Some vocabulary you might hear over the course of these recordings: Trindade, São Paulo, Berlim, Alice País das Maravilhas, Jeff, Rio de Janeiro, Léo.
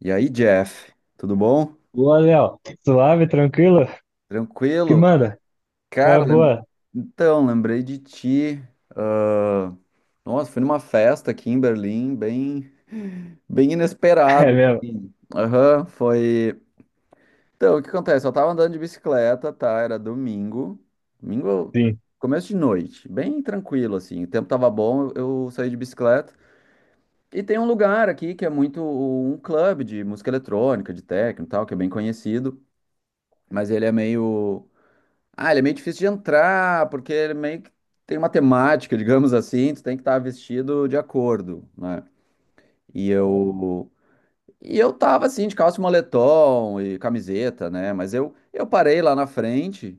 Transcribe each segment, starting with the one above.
E aí, Jeff, tudo bom? Boa, Léo. Suave, tranquilo? Que Tranquilo? manda? Qual é a Cara, boa? então, lembrei de ti. Ah, nossa, fui numa festa aqui em Berlim, bem, bem É inesperado mesmo? assim. Aham, foi. Então, o que acontece? Eu tava andando de bicicleta, tá? Era domingo. Domingo, Sim, começo de noite, bem tranquilo, assim. O tempo tava bom, eu saí de bicicleta. E tem um lugar aqui que é muito um clube de música eletrônica, de techno e tal, que é bem conhecido, mas ele é meio. Ah, ele é meio difícil de entrar, porque ele meio que tem uma temática, digamos assim, tu tem que estar vestido de acordo, né? E eu e eu tava assim de calça e moletom e camiseta, né? Mas eu parei lá na frente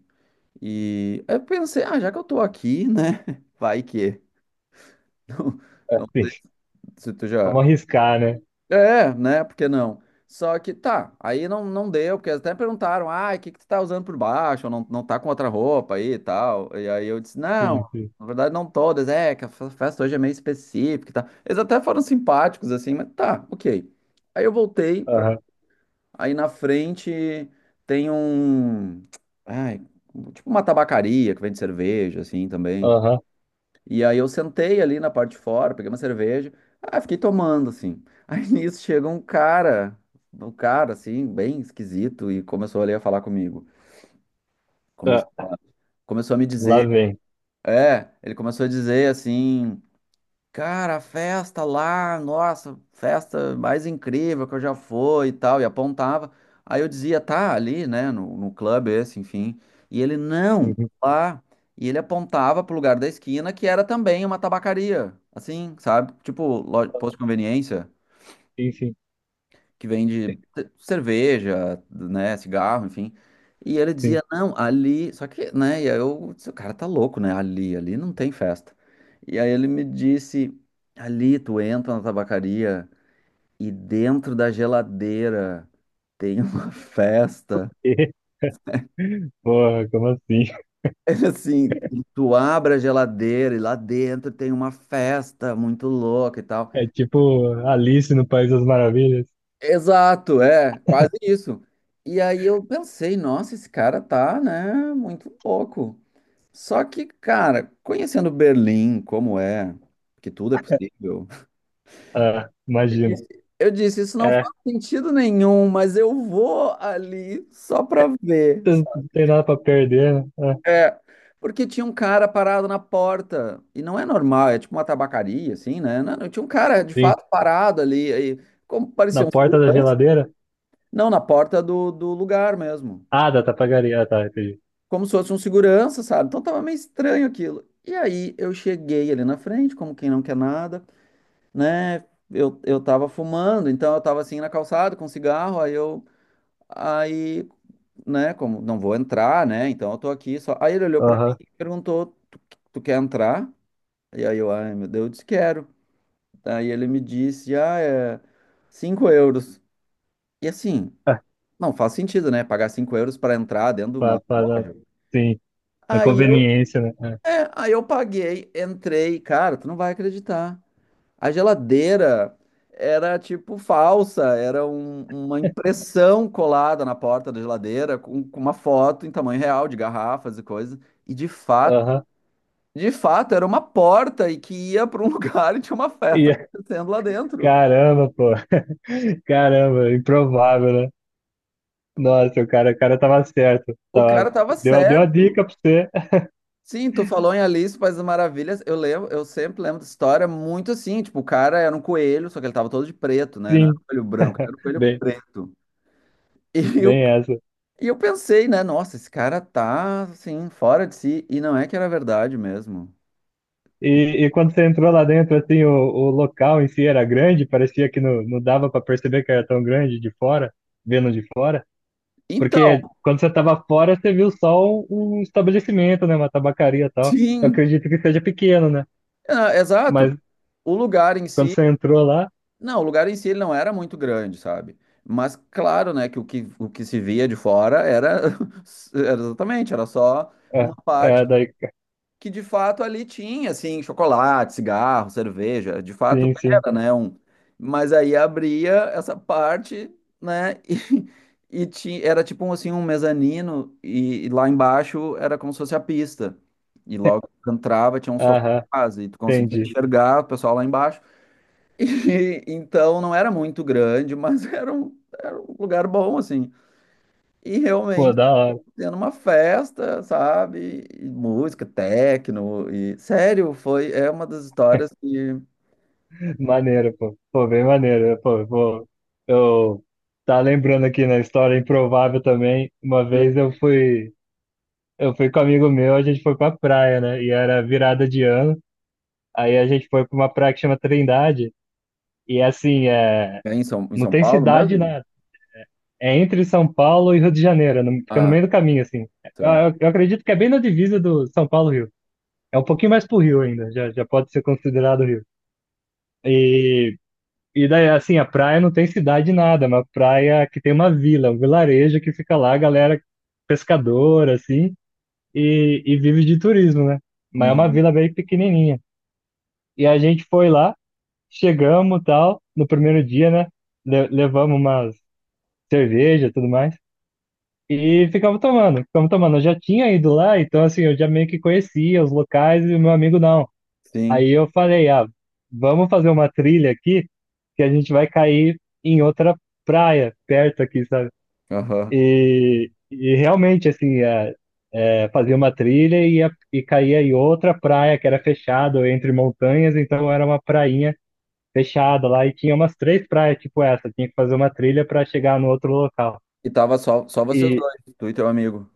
e eu pensei, ah, já que eu tô aqui, né? Vai que não, é, não sei sim. se tu já Vamos arriscar, né? É, né? Por que não? Só que tá, aí não, não deu, porque eles até perguntaram, ah, o que que tu tá usando por baixo? Ou não, não tá com outra roupa aí e tal. E aí eu disse, não, Sim, sim. na verdade não todas, é, que a festa hoje é meio específica e tal. Eles até foram simpáticos, assim, mas tá, ok. Aí eu voltei pra. Aham, Aí na frente tem um. Ai, tipo uma tabacaria que vende cerveja, assim, também. aham. E aí eu sentei ali na parte de fora, peguei uma cerveja, ah, fiquei tomando, assim. Aí nisso chega um cara, assim, bem esquisito, e começou ali a falar comigo. Começou Tá. a, começou a me Lá dizer, vem. é, ele começou a dizer, assim, cara, a festa lá, nossa, festa mais incrível que eu já fui e tal, e apontava. Aí eu dizia, tá ali, né, no clube esse, enfim. E ele, não, Uhum. lá. E ele apontava pro lugar da esquina, que era também uma tabacaria, assim, sabe? Tipo, posto de conveniência Sim, sim, que vende cerveja, né, cigarro, enfim. E ele sim. dizia, não, ali, só que, né, e aí eu disse, o cara tá louco, né, ali não tem festa. E aí ele me disse, ali tu entra na tabacaria e dentro da geladeira tem uma festa. Porra, como assim? Ele assim, tu abre a geladeira e lá dentro tem uma festa muito louca e tal. É tipo Alice no País das Maravilhas? Exato, é, quase isso. E aí eu pensei, nossa, esse cara tá, né, muito louco. Só que, cara, conhecendo Berlim, como é, que tudo é possível, Ah, eu imagina. disse, eu disse, isso não É, faz sentido nenhum, mas eu vou ali só pra ver, não sabe? tem nada pra perder, né? Ah, É, porque tinha um cara parado na porta, e não é normal, é tipo uma tabacaria, assim, né? Não, não, tinha um cara, de sim. fato, parado ali, aí, como Na parecia um porta da segurança, geladeira? não, na porta do lugar mesmo. Ah, da tapagaria. Ah, tá, entendi. Como se fosse um segurança, sabe? Então tava meio estranho aquilo. E aí eu cheguei ali na frente, como quem não quer nada, né? Eu tava fumando, então eu tava assim na calçada com cigarro, aí, né, como não vou entrar, né? Então eu tô aqui só. Aí ele olhou pra mim Aham. e perguntou: tu, quer entrar? E aí eu, ai meu Deus, eu disse: quero. Aí ele me disse: ah, é 5 euros. E assim, Ah, não faz sentido, né? Pagar 5 euros pra entrar dentro de pa- uma pa- na- loja. sim, na Aí eu conveniência, né? É. Aí eu paguei, entrei, cara, tu não vai acreditar. A geladeira era tipo falsa, era uma impressão colada na porta da geladeira com uma foto em tamanho real de garrafas e coisas. E Aham. de fato, era uma porta e que ia para um lugar e tinha uma festa E, acontecendo lá dentro. caramba, pô. Caramba, improvável, né? Nossa, o cara tava certo. O Tava, cara tava deu a certo. dica pra você. Sim, tu falou em Alice País das Maravilhas. Eu lembro, eu sempre lembro dessa história muito assim. Tipo, o cara era um coelho, só que ele tava todo de preto, né? Não era Sim, um coelho branco, era um coelho bem, preto. E eu, bem essa. e eu pensei, né? Nossa, esse cara tá assim, fora de si. E não é que era verdade mesmo. E quando você entrou lá dentro, assim, o local em si era grande, parecia que não dava pra perceber que era tão grande de fora, vendo de fora. Então, Porque quando você tava fora, você viu só um estabelecimento, né? Uma tabacaria e tal. Eu sim, acredito que seja pequeno, né? é, exato. Mas O lugar em quando si, você entrou lá, não, o lugar em si ele não era muito grande, sabe? Mas claro, né, que o que, se via de fora era, era exatamente, era só é, uma é parte daí, que de fato ali tinha assim chocolate, cigarro, cerveja, de fato sim, sim. era, né, um, mas aí abria essa parte, né, e tinha, era tipo um, assim um mezanino e lá embaixo era como se fosse a pista. E logo que tu entrava tinha um Aham, sofás e tu conseguia entendi. enxergar o pessoal lá embaixo. E então não era muito grande, mas era um lugar bom assim. E Pô, realmente da hora. tendo uma festa, sabe? E música, techno, e sério, foi é uma das histórias que Maneiro, pô. Pô, bem maneiro. Pô, pô. Eu tá lembrando aqui na história improvável também. Uma vez eu fui com um amigo meu, a gente foi pra praia, né? E era virada de ano. Aí a gente foi pra uma praia que chama Trindade. E assim, é, é em São, em não São tem Paulo cidade mesmo? nada. É entre São Paulo e Rio de Janeiro, fica no Ah, meio do caminho, assim. Eu, tá. eu, eu acredito que é bem na divisa do São Paulo-Rio. É um pouquinho mais pro Rio ainda, já pode ser considerado Rio. E E daí, assim, a praia não tem cidade nada, é uma praia que tem uma vila, um vilarejo que fica lá, a galera pescadora, assim, e vive de turismo, né? Mas é uma Uhum. vila bem pequenininha. E a gente foi lá, chegamos tal, no primeiro dia, né? Levamos umas cerveja e tudo mais, e ficamos tomando, ficamos tomando. Eu já tinha ido lá, então, assim, eu já meio que conhecia os locais e o meu amigo não. Sim. Aí eu falei, ah, vamos fazer uma trilha aqui que a gente vai cair em outra praia perto aqui, sabe? Aham. E realmente, assim, fazia uma trilha e, e caía em outra praia que era fechada entre montanhas, então era uma prainha fechada lá e tinha umas três praias tipo essa, tinha que fazer uma trilha para chegar no outro local. E tava só vocês E, dois, tu e teu amigo.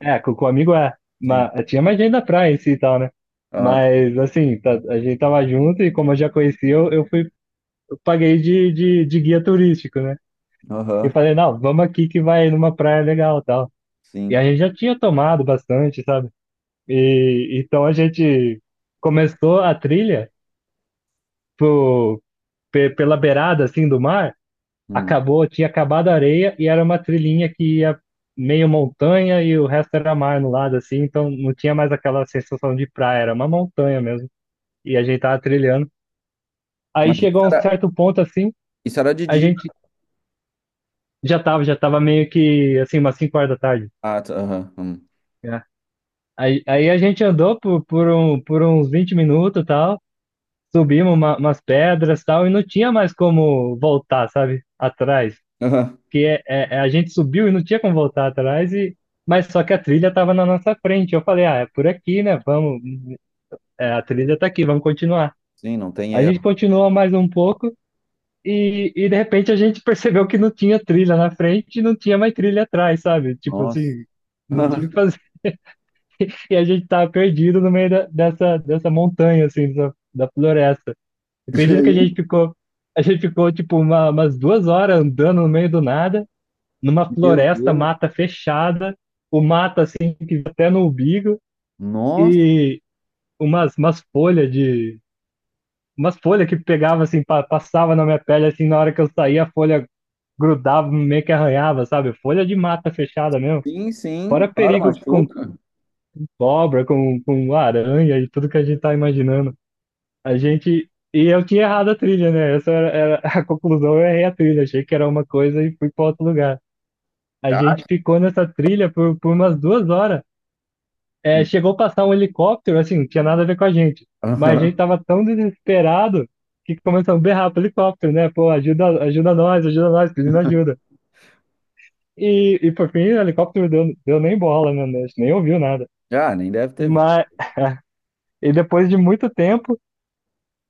é, com o amigo é, Sim. mas tinha mais gente da praia em si e tal, né? Ah, tá. Mas, assim, a gente tava junto e como eu já conhecia, eu fui eu paguei de guia turístico, né? E Aham. falei, não, vamos aqui que vai numa praia legal e tal. E Sim. a gente já tinha tomado bastante, sabe? E então a gente começou a trilha pro, pela beirada assim do mar, Hum. acabou, tinha acabado a areia e era uma trilhinha que ia meio montanha e o resto era mar no lado assim, então não tinha mais aquela sensação de praia, era uma montanha mesmo. E a gente tava trilhando. Aí Mas chegou a isso um era, certo ponto assim, isso era de a dia. gente já tava meio que assim, umas 5 horas da tarde, Ah, tá. Aham. Hum. né? Aí a gente andou por uns 20 minutos e tal, subimos umas pedras e tal, e não tinha mais como voltar, sabe? Atrás. Aham. Porque a gente subiu e não tinha como voltar atrás, e, mas só que a trilha tava na nossa frente. Eu falei, ah, é por aqui, né? Vamos, é, a trilha tá aqui, vamos continuar. Sim, não tem A gente erro. continuou mais um pouco. E de repente a gente percebeu que não tinha trilha na frente e não tinha mais trilha atrás, sabe? Tipo Nossa. assim, não tinha o que fazer. E a gente tava perdido no meio dessa montanha, assim, da floresta. E Acredito que a gente aí? ficou, tipo, umas 2 horas andando no meio do nada, numa Meu floresta, Deus. mata fechada, o mato, assim, que até no umbigo, Nossa. e umas folhas de... Umas folhas que pegava, assim, passava na minha pele, assim, na hora que eu saía, a folha grudava, meio que arranhava, sabe? Folha de mata fechada mesmo. Sim, sim. Fora Claro, perigo com machuca. cobra, com aranha e tudo que a gente tá imaginando. A gente. E eu tinha errado a trilha, né? Essa era, era a conclusão, eu errei a trilha. Achei que era uma coisa e fui para outro lugar. A Tá. gente ficou nessa trilha por umas 2 horas. É, chegou a passar um helicóptero, assim, não tinha nada a ver com a gente. Mas a gente Aham. tava tão desesperado que começamos a berrar pro helicóptero, né? Pô, ajuda, ajuda nós, pedindo ajuda. E por fim, o helicóptero deu nem bola, né? A gente nem ouviu nada. Ah, nem deve ter visto. Mas, e depois de muito tempo,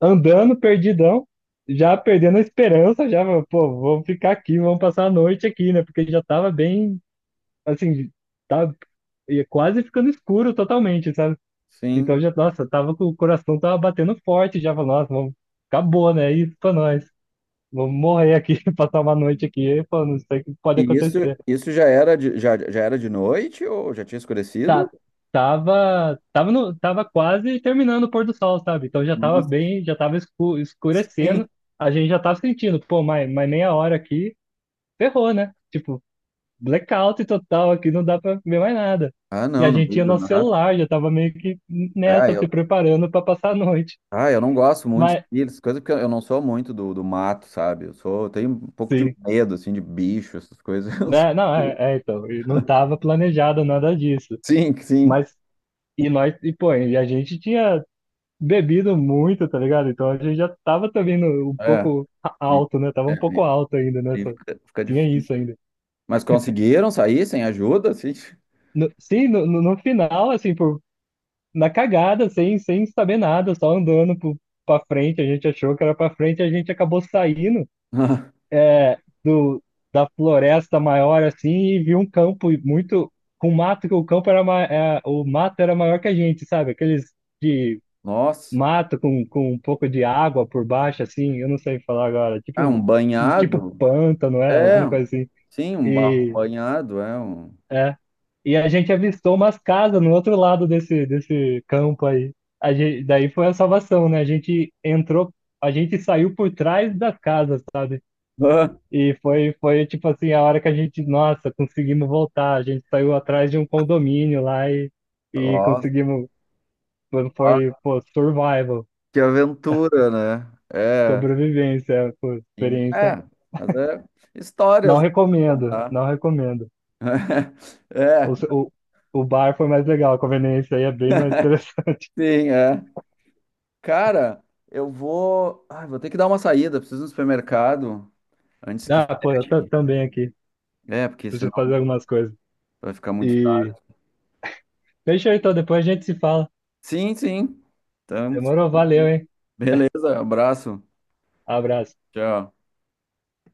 andando perdidão, já perdendo a esperança, já, pô, vamos ficar aqui, vamos passar a noite aqui, né? Porque já tava bem, assim, tava ia quase ficando escuro totalmente, sabe? Sim. Então já, nossa, tava com o coração tava batendo forte, já falou, nossa, vamos, acabou, né? É isso pra nós. Vamos morrer aqui, passar uma noite aqui, pô, não sei o que pode E isso, acontecer. isso já era de noite ou já tinha escurecido? Tá, tava, tava no, tava quase terminando o pôr do sol, sabe? Então já tava Nossa, bem, já tava sim. escurecendo. A gente já tava sentindo, pô, mais meia hora aqui ferrou, né? Tipo, blackout total aqui, não dá pra ver mais nada. Ah, E não, a no gente meio tinha do nosso nada. celular, já tava meio que Ah, nessa, eu, se preparando pra passar a noite. eu não gosto muito de Mas, trilhas, coisa porque eu não sou muito do mato, sabe? Eu tenho um pouco de sim, medo, assim, de bicho, essas coisas. Né? Não, é, então, e não tava planejado nada disso. Sim, sim. Mas, e nós, e pô, e a gente tinha bebido muito, tá ligado? Então a gente já tava também um É. pouco E- alto, né? Tava é, um pouco alto ainda e nessa. fica Tinha difícil. isso ainda. Mas conseguiram sair sem ajuda, assim? Sim, no final, assim, por na cagada, sem saber nada, só andando pra frente. A gente achou que era pra frente, a gente acabou saindo Ah, é, da floresta maior assim e viu um campo muito. Com mato, que o campo era. É, o mato era maior que a gente, sabe? Aqueles de nossa. mato com um pouco de água por baixo, assim, eu não sei falar agora. Ah, um Um tipo banhado? pântano, é? É, Alguma coisa assim. sim, um barro E. banhado, é um. É. E a gente avistou umas casas no outro lado desse campo aí. A gente, daí foi a salvação, né? A gente entrou, a gente saiu por trás das casas, sabe? E foi tipo assim, a hora que a gente, nossa, conseguimos voltar. A gente saiu atrás de um condomínio lá Ah, e nossa, conseguimos. Foi, pô, survival, que aventura, né? É, sobrevivência, pô, sim. experiência. É, mas é Não histórias pra recomendo, contar. não recomendo. O, É, o, o bar foi mais legal, a conveniência aí é bem mais interessante. sim, é. Cara, eu vou. Ai, vou ter que dar uma saída, preciso ir no supermercado antes que. Ah, pô, eu tô Fique. também aqui. É, porque senão Preciso fazer algumas coisas. vai ficar muito tarde. E fechou então, depois a gente se fala. Sim, sim. Então, Demorou, valeu, hein? beleza, abraço. Abraço. Tchau.